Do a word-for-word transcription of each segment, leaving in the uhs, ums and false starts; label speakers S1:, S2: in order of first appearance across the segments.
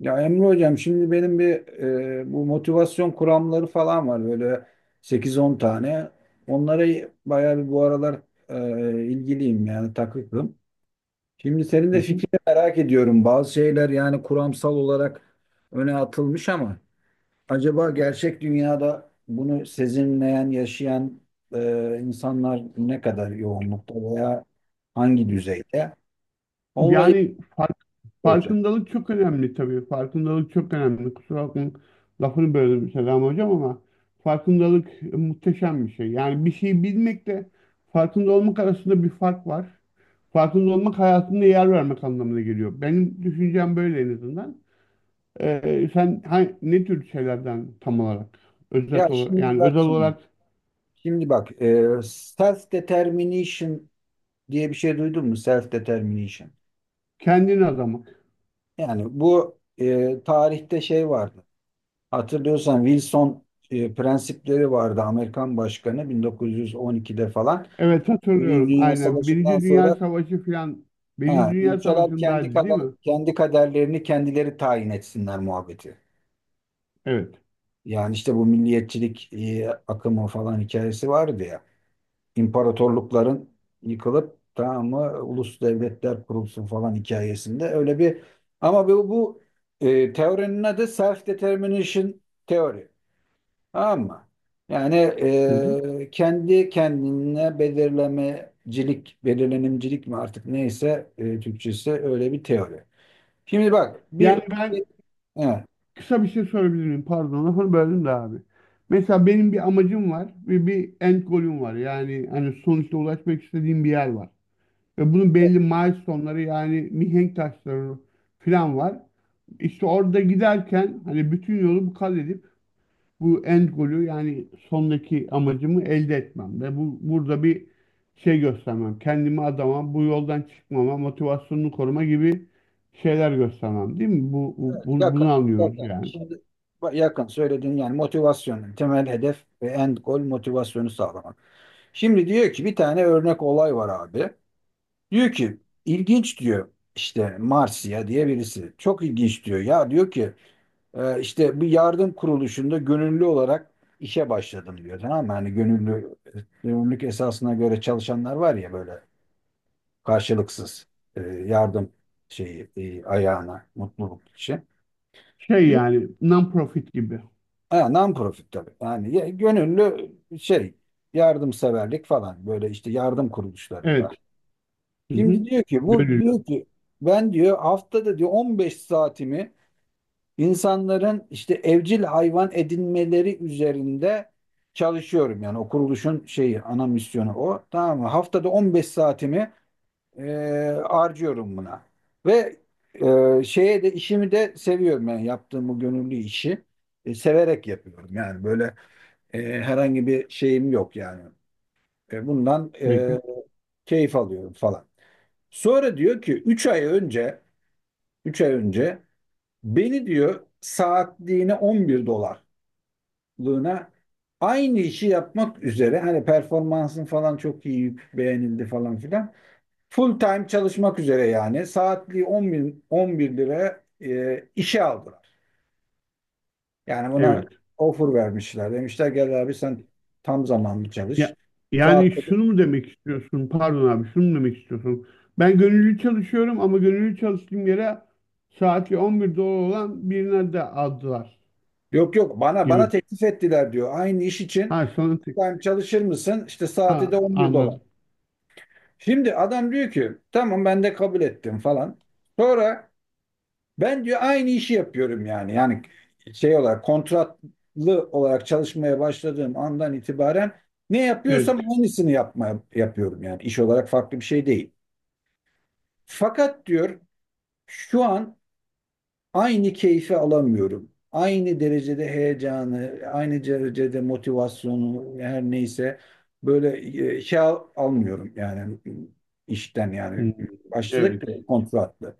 S1: Ya Emre hocam şimdi benim bir e, bu motivasyon kuramları falan var böyle sekiz on tane. Onlara bayağı bir bu aralar e, ilgiliyim yani takıklım. Şimdi senin
S2: Hı
S1: de
S2: hı.
S1: fikrini merak ediyorum. Bazı şeyler yani kuramsal olarak öne atılmış ama acaba gerçek dünyada bunu sezinleyen, yaşayan e, insanlar ne kadar yoğunlukta veya hangi düzeyde? Onunla ilgili
S2: Yani fark,
S1: soracağım.
S2: farkındalık çok önemli tabii. Farkındalık çok önemli. Kusura bakmayın lafını böldüm Selam Hocam, ama farkındalık e, muhteşem bir şey. Yani bir şeyi bilmekle farkında olmak arasında bir fark var. Farkında olmak hayatında yer vermek anlamına geliyor. Benim düşüncem böyle en azından. Ee, sen ha- ne tür şeylerden tam olarak
S1: Ya
S2: özet olarak
S1: şimdi
S2: yani
S1: bak
S2: özel
S1: şimdi.
S2: olarak
S1: Şimdi bak, self determination diye bir şey duydun mu? Self determination.
S2: kendini adamak.
S1: Yani bu e, tarihte şey vardı. Hatırlıyorsan Wilson e, prensipleri vardı. Amerikan başkanı bin dokuz yüz on ikide falan.
S2: Evet,
S1: Birinci
S2: hatırlıyorum
S1: Dünya
S2: aynen.
S1: Savaşı'ndan
S2: Birinci Dünya
S1: sonra
S2: Savaşı falan, Birinci
S1: ha,
S2: Dünya
S1: ülkeler kendi
S2: Savaşı'ndaydı değil
S1: kader,
S2: mi?
S1: kendi kaderlerini kendileri tayin etsinler muhabbeti.
S2: Evet.
S1: Yani işte bu milliyetçilik e, akımı falan hikayesi vardı ya. İmparatorlukların yıkılıp tamam mı ulus devletler kurulsun falan hikayesinde öyle bir ama bu, bu e, teorinin adı self determination teori, tamam mı? Yani
S2: Hı hı.
S1: e, kendi kendine belirlemecilik, belirlenimcilik mi artık neyse e, Türkçesi öyle bir teori. Şimdi bak bir
S2: Yani
S1: e,
S2: ben
S1: evet,
S2: kısa bir şey sorabilir miyim? Pardon lafını böldüm de abi. Mesela benim bir amacım var ve bir end goal'üm var. Yani hani sonuçta ulaşmak istediğim bir yer var. Ve bunun belli milestone'ları yani mihenk taşları falan var. İşte orada giderken hani bütün yolu bu kat edip bu end golü yani sondaki amacımı elde etmem ve bu burada bir şey göstermem. Kendimi adama, bu yoldan çıkmama, motivasyonunu koruma gibi şeyler göstermem, değil mi? Bu, bu- bu- bunu
S1: yakın, yakın.
S2: anlıyoruz yani.
S1: Şimdi bak, yakın söylediğin yani motivasyonun temel hedef ve end goal motivasyonu sağlamak. Şimdi diyor ki bir tane örnek olay var abi. Diyor ki ilginç diyor işte Marsiya diye birisi. Çok ilginç diyor. Ya diyor ki e, işte bir yardım kuruluşunda gönüllü olarak işe başladım diyor. Tamam mı? Hani gönüllü, gönüllülük esasına göre çalışanlar var ya böyle karşılıksız e, yardım şeyi e, ayağına mutluluk için.
S2: Şey
S1: Diyor,
S2: yani non-profit gibi.
S1: ha, non-profit tabii. Yani ya- gönüllü şey yardımseverlik falan böyle işte yardım kuruluşlarında.
S2: Evet. Hı hı.
S1: Şimdi diyor ki bu
S2: Gönüllü.
S1: diyor ki ben diyor haftada diyor on beş saatimi insanların işte evcil hayvan edinmeleri üzerinde çalışıyorum. Yani o kuruluşun şeyi ana misyonu o. Tamam mı? Haftada on beş saatimi e, harcıyorum buna. Ve e, şeye de işimi de seviyorum yani yaptığım bu gönüllü işi e, severek yapıyorum. Yani böyle e, herhangi bir şeyim yok yani. E, bundan
S2: Bekle.
S1: e, keyif alıyorum falan. Sonra diyor ki üç ay önce Üç ay önce beni diyor saatliğine on bir dolarlığına aynı işi yapmak üzere hani performansın falan çok iyi beğenildi falan filan full time çalışmak üzere yani saatliği on bir, on bir lira e, işe aldılar. Yani buna
S2: Evet.
S1: offer vermişler. Demişler gel abi sen tam zamanlı
S2: Ya,
S1: çalış.
S2: yani
S1: Saat
S2: şunu mu demek istiyorsun? Pardon abi, şunu mu demek istiyorsun? Ben gönüllü çalışıyorum ama gönüllü çalıştığım yere saati on bir dolar olan birine de aldılar
S1: Yok, yok, bana bana
S2: gibi.
S1: teklif ettiler diyor. Aynı iş
S2: Ha,
S1: için
S2: sonra
S1: full
S2: tek-
S1: time çalışır mısın? İşte saati
S2: ha
S1: de on bir dolar.
S2: anladım.
S1: Şimdi adam diyor ki tamam, ben de kabul ettim falan. Sonra ben diyor aynı işi yapıyorum yani. Yani şey olarak kontratlı olarak çalışmaya başladığım andan itibaren ne
S2: Evet.
S1: yapıyorsam aynısını yapmaya yapıyorum yani. İş olarak farklı bir şey değil. Fakat diyor şu an aynı keyfi alamıyorum. Aynı derecede heyecanı, aynı derecede motivasyonu her neyse böyle e, şey al- almıyorum yani işten
S2: Hmm,
S1: yani başladık
S2: evet.
S1: da kontratlı.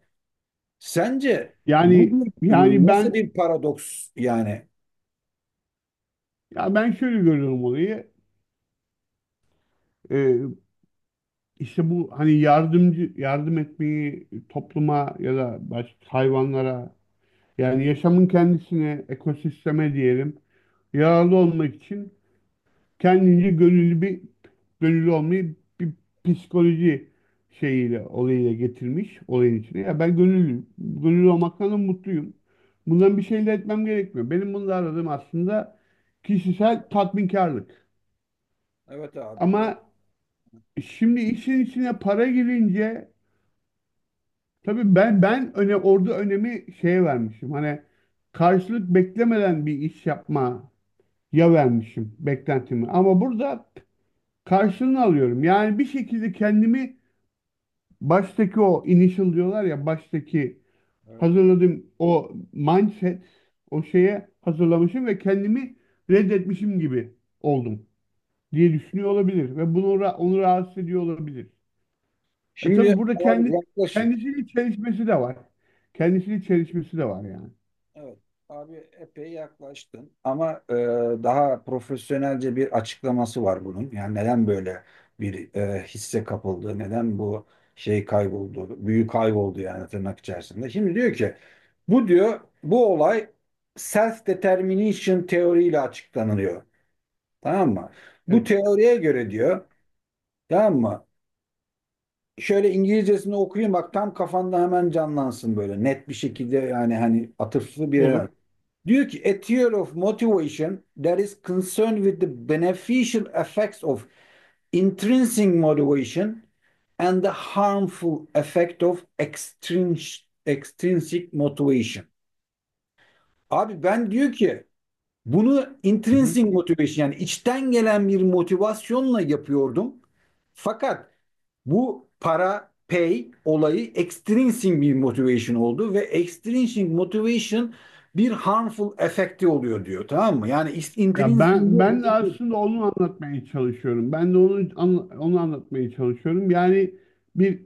S1: Sence bu
S2: Yani yani
S1: bir- nasıl
S2: ben
S1: bir paradoks yani?
S2: ya ben şöyle görüyorum olayı. Ee, işte bu hani yardımcı yardım etmeyi topluma ya da başka hayvanlara yani yaşamın kendisine ekosisteme diyelim yararlı olmak için kendince gönüllü bir gönüllü olmayı bir psikoloji şeyiyle olayıyla getirmiş olayın içine. Ya ben gönüllüyüm. Gönüllü olmaktan da mutluyum. Bundan bir şey elde etmem gerekmiyor. Benim bunu aradığım aslında kişisel tatminkarlık.
S1: Evet abi, doğru.
S2: Ama şimdi işin içine para girince tabii ben ben öne orada önemi şeye vermişim. Hani karşılık beklemeden bir iş yapmaya vermişim beklentimi. Ama burada karşılığını alıyorum. Yani bir şekilde kendimi baştaki o initial diyorlar ya baştaki
S1: Evet.
S2: hazırladığım o mindset o şeye hazırlamışım ve kendimi reddetmişim gibi oldum diye düşünüyor olabilir ve bunu ra- onu rahatsız ediyor olabilir. E
S1: Şimdi
S2: tabii burada
S1: abi
S2: kendi
S1: yaklaş.
S2: kendisiyle çelişmesi de var. Kendisiyle çelişmesi de var yani.
S1: Evet abi, epey yaklaştın ama e, daha profesyonelce bir açıklaması var bunun. Yani neden böyle bir e, hisse kapıldı, neden bu şey kayboldu, büyü kayboldu yani tırnak içerisinde. Şimdi diyor ki bu diyor bu olay self-determination teoriyle açıklanıyor. Tamam mı? Bu
S2: Evet,
S1: teoriye göre diyor, tamam mı? Şöyle İngilizcesini okuyayım bak, tam kafanda hemen canlansın böyle net bir şekilde yani hani atıflı bir yer.
S2: olur.
S1: Diyor ki a theory of motivation that is concerned with the beneficial effects of intrinsic motivation and the harmful effect of extrinsic extrinsic motivation. Abi ben diyor ki bunu
S2: Hı hı.
S1: intrinsic motivation yani içten gelen bir motivasyonla yapıyordum. Fakat bu para pay olayı extrinsic bir motivation oldu ve extrinsic motivation bir harmful efekti oluyor diyor, tamam mı? Yani
S2: Ya
S1: intrinsic diyor,
S2: ben
S1: bu
S2: ben de aslında onu anlatmaya çalışıyorum. Ben de onu anla- onu anlatmaya çalışıyorum. Yani bir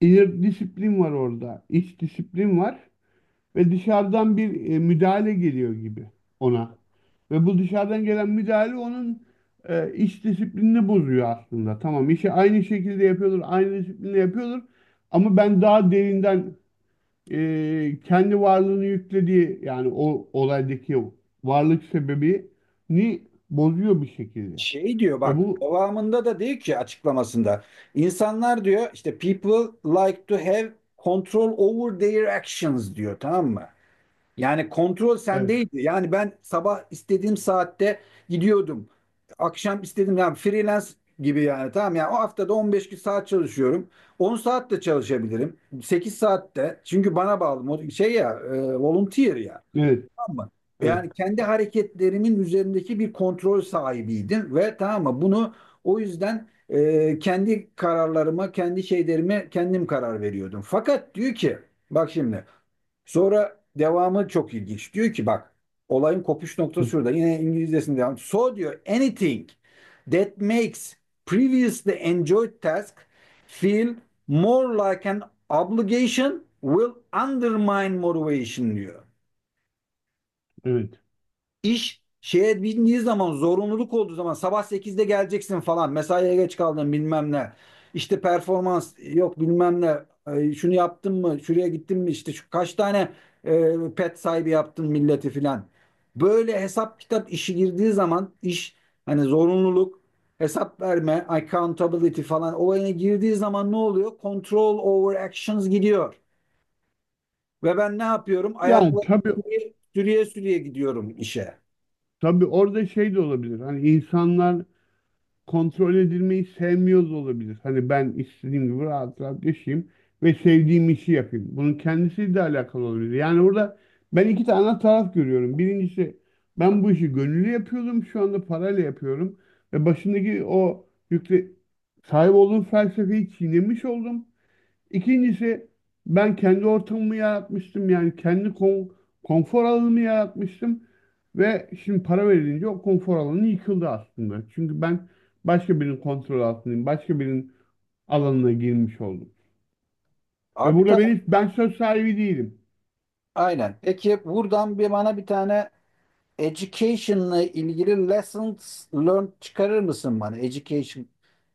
S2: inner disiplin var orada. İç disiplin var. Ve dışarıdan bir e, müdahale geliyor gibi ona. Ve bu dışarıdan gelen müdahale onun e, iş disiplinini bozuyor aslında. Tamam, işi aynı şekilde yapıyordur, aynı disiplinle yapıyordur ama ben daha derinden e, kendi varlığını yüklediği yani o olaydaki o varlık sebebini bozuyor bir şekilde.
S1: şey diyor
S2: Ve
S1: bak
S2: bu
S1: devamında da diyor ki açıklamasında insanlar diyor işte people like to have control over their actions diyor, tamam mı? Yani kontrol
S2: Evet,
S1: sendeydi. Yani ben sabah istediğim saatte gidiyordum. Akşam istediğim yani freelance gibi yani tamam yani o haftada on beş gün saat çalışıyorum. on saat de çalışabilirim. sekiz saat de. Çünkü bana bağlı. Mod- Şey ya, e, volunteer ya.
S2: evet,
S1: Tamam mı?
S2: evet,
S1: Yani kendi hareketlerimin üzerindeki bir kontrol sahibiydim ve, tamam mı? Bunu o yüzden e, kendi kararlarıma, kendi şeylerime kendim karar veriyordum. Fakat diyor ki bak şimdi sonra devamı çok ilginç. Diyor ki bak, olayın kopuş noktası şurada. Yine İngilizcesinde devam. So diyor anything that makes previously enjoyed task feel more like an obligation will undermine motivation diyor.
S2: evet.
S1: İş şeye bindiği zaman, zorunluluk olduğu zaman, sabah sekizde geleceksin falan, mesaiye geç kaldın bilmem ne, işte performans yok bilmem ne, e, şunu yaptın mı, şuraya gittin mi, işte şu kaç tane e, pet sahibi yaptın milleti filan, böyle hesap kitap işi girdiği zaman, iş hani zorunluluk, hesap verme accountability falan olayına girdiği zaman ne oluyor, control over actions gidiyor ve ben ne yapıyorum,
S2: Yani
S1: ayakları
S2: tabii
S1: sürüye sürüye sürüye gidiyorum işe.
S2: tabii orada şey de olabilir. Hani insanlar kontrol edilmeyi sevmiyoruz olabilir. Hani ben istediğim gibi rahat rahat yaşayayım ve sevdiğim işi yapayım. Bunun kendisiyle de alakalı olabilir. Yani burada ben iki tane taraf görüyorum. Birincisi, ben bu işi gönüllü yapıyordum, şu anda parayla yapıyorum. Ve başındaki o yükle sahip olduğum felsefeyi çiğnemiş oldum. İkincisi, ben kendi ortamımı yaratmıştım yani kendi kon- konfor alanımı yaratmıştım ve şimdi para verilince o konfor alanı yıkıldı aslında. Çünkü ben başka birinin kontrol altındayım, başka birinin alanına girmiş oldum. Ve
S1: Abi
S2: burada benim ben söz sahibi değilim.
S1: aynen. Peki buradan bir bana bir tane education'la ilgili lessons learned çıkarır mısın bana? Education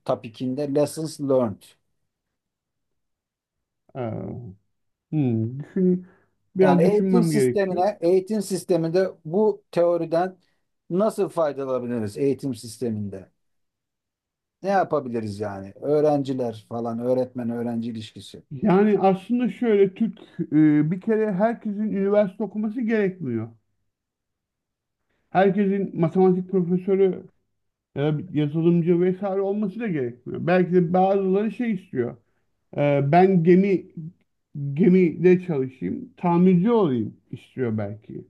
S1: topic'inde lessons learned.
S2: Ee, hmm, düşün,
S1: Yani
S2: biraz
S1: eğitim
S2: düşünmem gerekiyor.
S1: sistemine, eğitim sisteminde bu teoriden nasıl faydalanabiliriz eğitim sisteminde? Ne yapabiliriz yani? Öğrenciler falan, öğretmen öğrenci ilişkisi.
S2: Yani aslında şöyle Türk e, bir kere herkesin üniversite okuması gerekmiyor. Herkesin matematik profesörü e, yazılımcı vesaire olması da gerekmiyor. Belki de bazıları şey istiyor. E, ben gemi gemide çalışayım, tamirci olayım istiyor belki.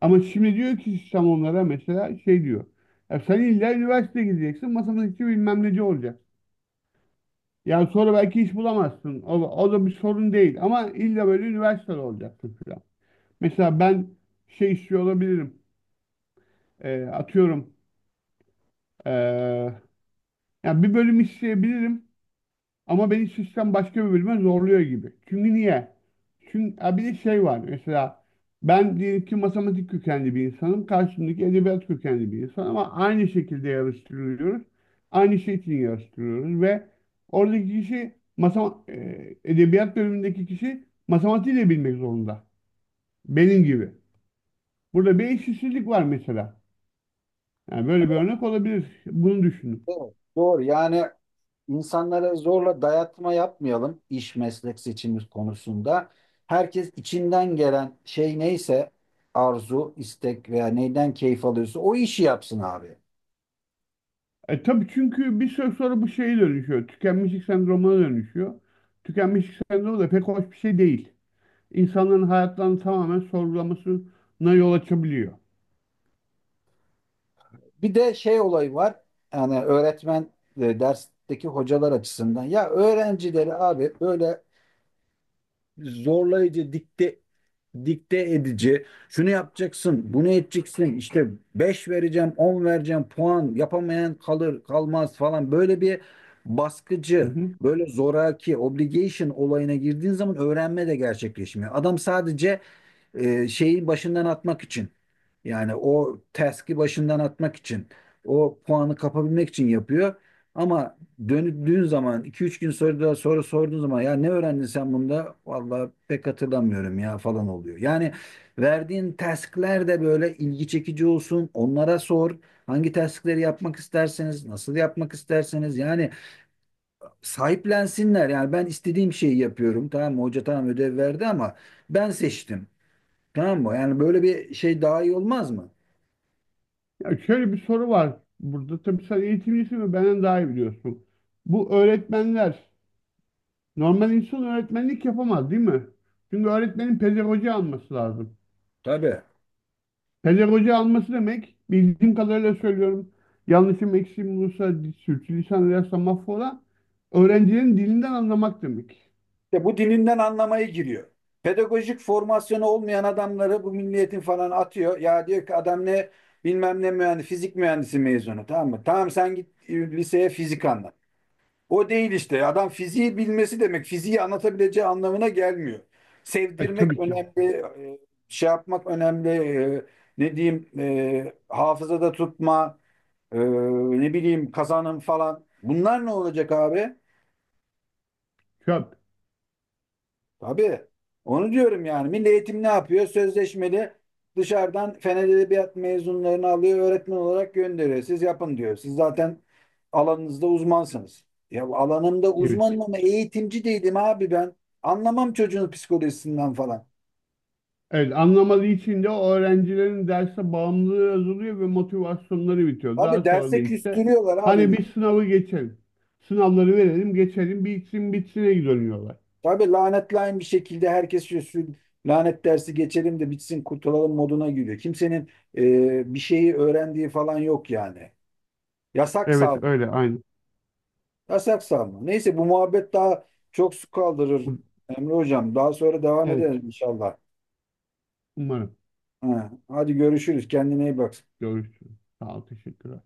S2: Ama şimdi diyor ki sistem onlara mesela şey diyor. Ya sen illa üniversite gideceksin, matematikçi bilmem neci olacaksın. Yani sonra belki iş bulamazsın. O, o da bir sorun değil. Ama illa böyle üniversitede olacaksın falan. Mesela ben şey istiyor olabilirim. E, atıyorum. E, Ya bir bölüm isteyebilirim. Ama beni sistem başka bir bölüme zorluyor gibi. Çünkü niye? Çünkü ha bir de şey var mesela, ben diyelim ki matematik kökenli bir insanım. Karşımdaki edebiyat kökenli bir insan ama aynı şekilde yarıştırılıyoruz. Aynı şey için yarıştırıyoruz ve oradaki kişi masama, e, edebiyat bölümündeki kişi matematiği de bilmek zorunda. Benim gibi. Burada bir eşitsizlik var mesela. Yani böyle bir örnek olabilir. Bunu düşünün.
S1: Evet. Doğru. Yani İnsanlara zorla dayatma yapmayalım iş meslek seçimi konusunda. Herkes içinden gelen şey neyse, arzu, istek veya neyden keyif alıyorsa o işi yapsın abi.
S2: E tabii, çünkü bir süre sonra bu şeye dönüşüyor. Tükenmişlik sendromuna dönüşüyor. Tükenmişlik sendromu da pek hoş bir şey değil. İnsanların hayatlarını tamamen sorgulamasına yol açabiliyor.
S1: Bir de şey olayı var. Yani öğretmen ve dersteki hocalar açısından. Ya öğrencileri abi böyle zorlayıcı, dikte dikte edici. Şunu yapacaksın, bunu edeceksin. İşte beş vereceğim, on vereceğim, puan yapamayan kalır, kalmaz falan. Böyle bir
S2: Hı
S1: baskıcı,
S2: hı.
S1: böyle zoraki, obligation olayına girdiğin zaman öğrenme de gerçekleşmiyor. Adam sadece e, şeyi başından atmak için. Yani o task'i başından atmak için, o puanı kapabilmek için yapıyor. Ama döndüğün zaman, iki üç gün sonra da soru sorduğun zaman, ya ne öğrendin sen bunda? Vallahi pek hatırlamıyorum ya falan oluyor. Yani verdiğin task'ler de böyle ilgi çekici olsun. Onlara sor. Hangi task'leri yapmak isterseniz, nasıl yapmak isterseniz yani sahiplensinler. Yani ben istediğim şeyi yapıyorum. Tamam mı? Hoca tamam ödev verdi ama ben seçtim. Tamam mı? Yani böyle bir şey daha iyi olmaz mı?
S2: Ya şöyle bir soru var burada. Tabii sen eğitimcisin ve benden daha iyi biliyorsun. Bu öğretmenler, normal insan öğretmenlik yapamaz değil mi? Çünkü öğretmenin pedagoji alması lazım.
S1: Tabii.
S2: Pedagoji alması demek, bildiğim kadarıyla söylüyorum. Yanlışım eksiğim olursa sürçülisan edersem mahvola. Öğrencilerin dilinden anlamak demek.
S1: İşte bu dininden anlamaya giriyor. Pedagojik formasyonu olmayan adamları bu milliyetin falan atıyor. Ya diyor ki adam ne bilmem ne mühendis, fizik mühendisi mezunu, tamam mı? Tamam sen git e, liseye fizik anlat. O değil işte. Adam fiziği bilmesi demek fiziği anlatabileceği anlamına gelmiyor.
S2: E,
S1: Sevdirmek
S2: tabii ki.
S1: önemli, e, şey yapmak önemli, e, ne diyeyim, e, hafızada tutma, Ee, ne bileyim kazanım falan. Bunlar ne olacak abi?
S2: Çöp.
S1: Tabii. Onu diyorum yani. Milli Eğitim ne yapıyor? Sözleşmeli dışarıdan Fen Edebiyat mezunlarını alıyor, öğretmen olarak gönderiyor. Siz yapın diyor. Siz zaten alanınızda uzmansınız. Ya alanımda
S2: Evet.
S1: uzmanım ama eğitimci değilim abi ben. Anlamam çocuğun psikolojisinden falan.
S2: Evet, anlamadığı için de o öğrencilerin derse bağımlılığı azalıyor ve motivasyonları bitiyor. Daha
S1: Abi
S2: sonra da
S1: derse
S2: işte
S1: küstürüyorlar
S2: hani
S1: abi.
S2: bir sınavı geçelim. Sınavları verelim geçelim bitsin bitsine dönüyorlar.
S1: Tabii lanetlayın bir şekilde herkes şu lanet dersi geçelim de bitsin kurtulalım moduna giriyor. Kimsenin e, bir şeyi öğrendiği falan yok yani. Yasak sal,
S2: Evet, öyle aynı.
S1: yasak salma. Neyse bu muhabbet daha çok su kaldırır Emre Hocam. Daha sonra devam edelim
S2: Evet,
S1: inşallah.
S2: umarım.
S1: Ha, hadi görüşürüz. Kendine iyi bak.
S2: Görüşürüz. Sağ ol, teşekkür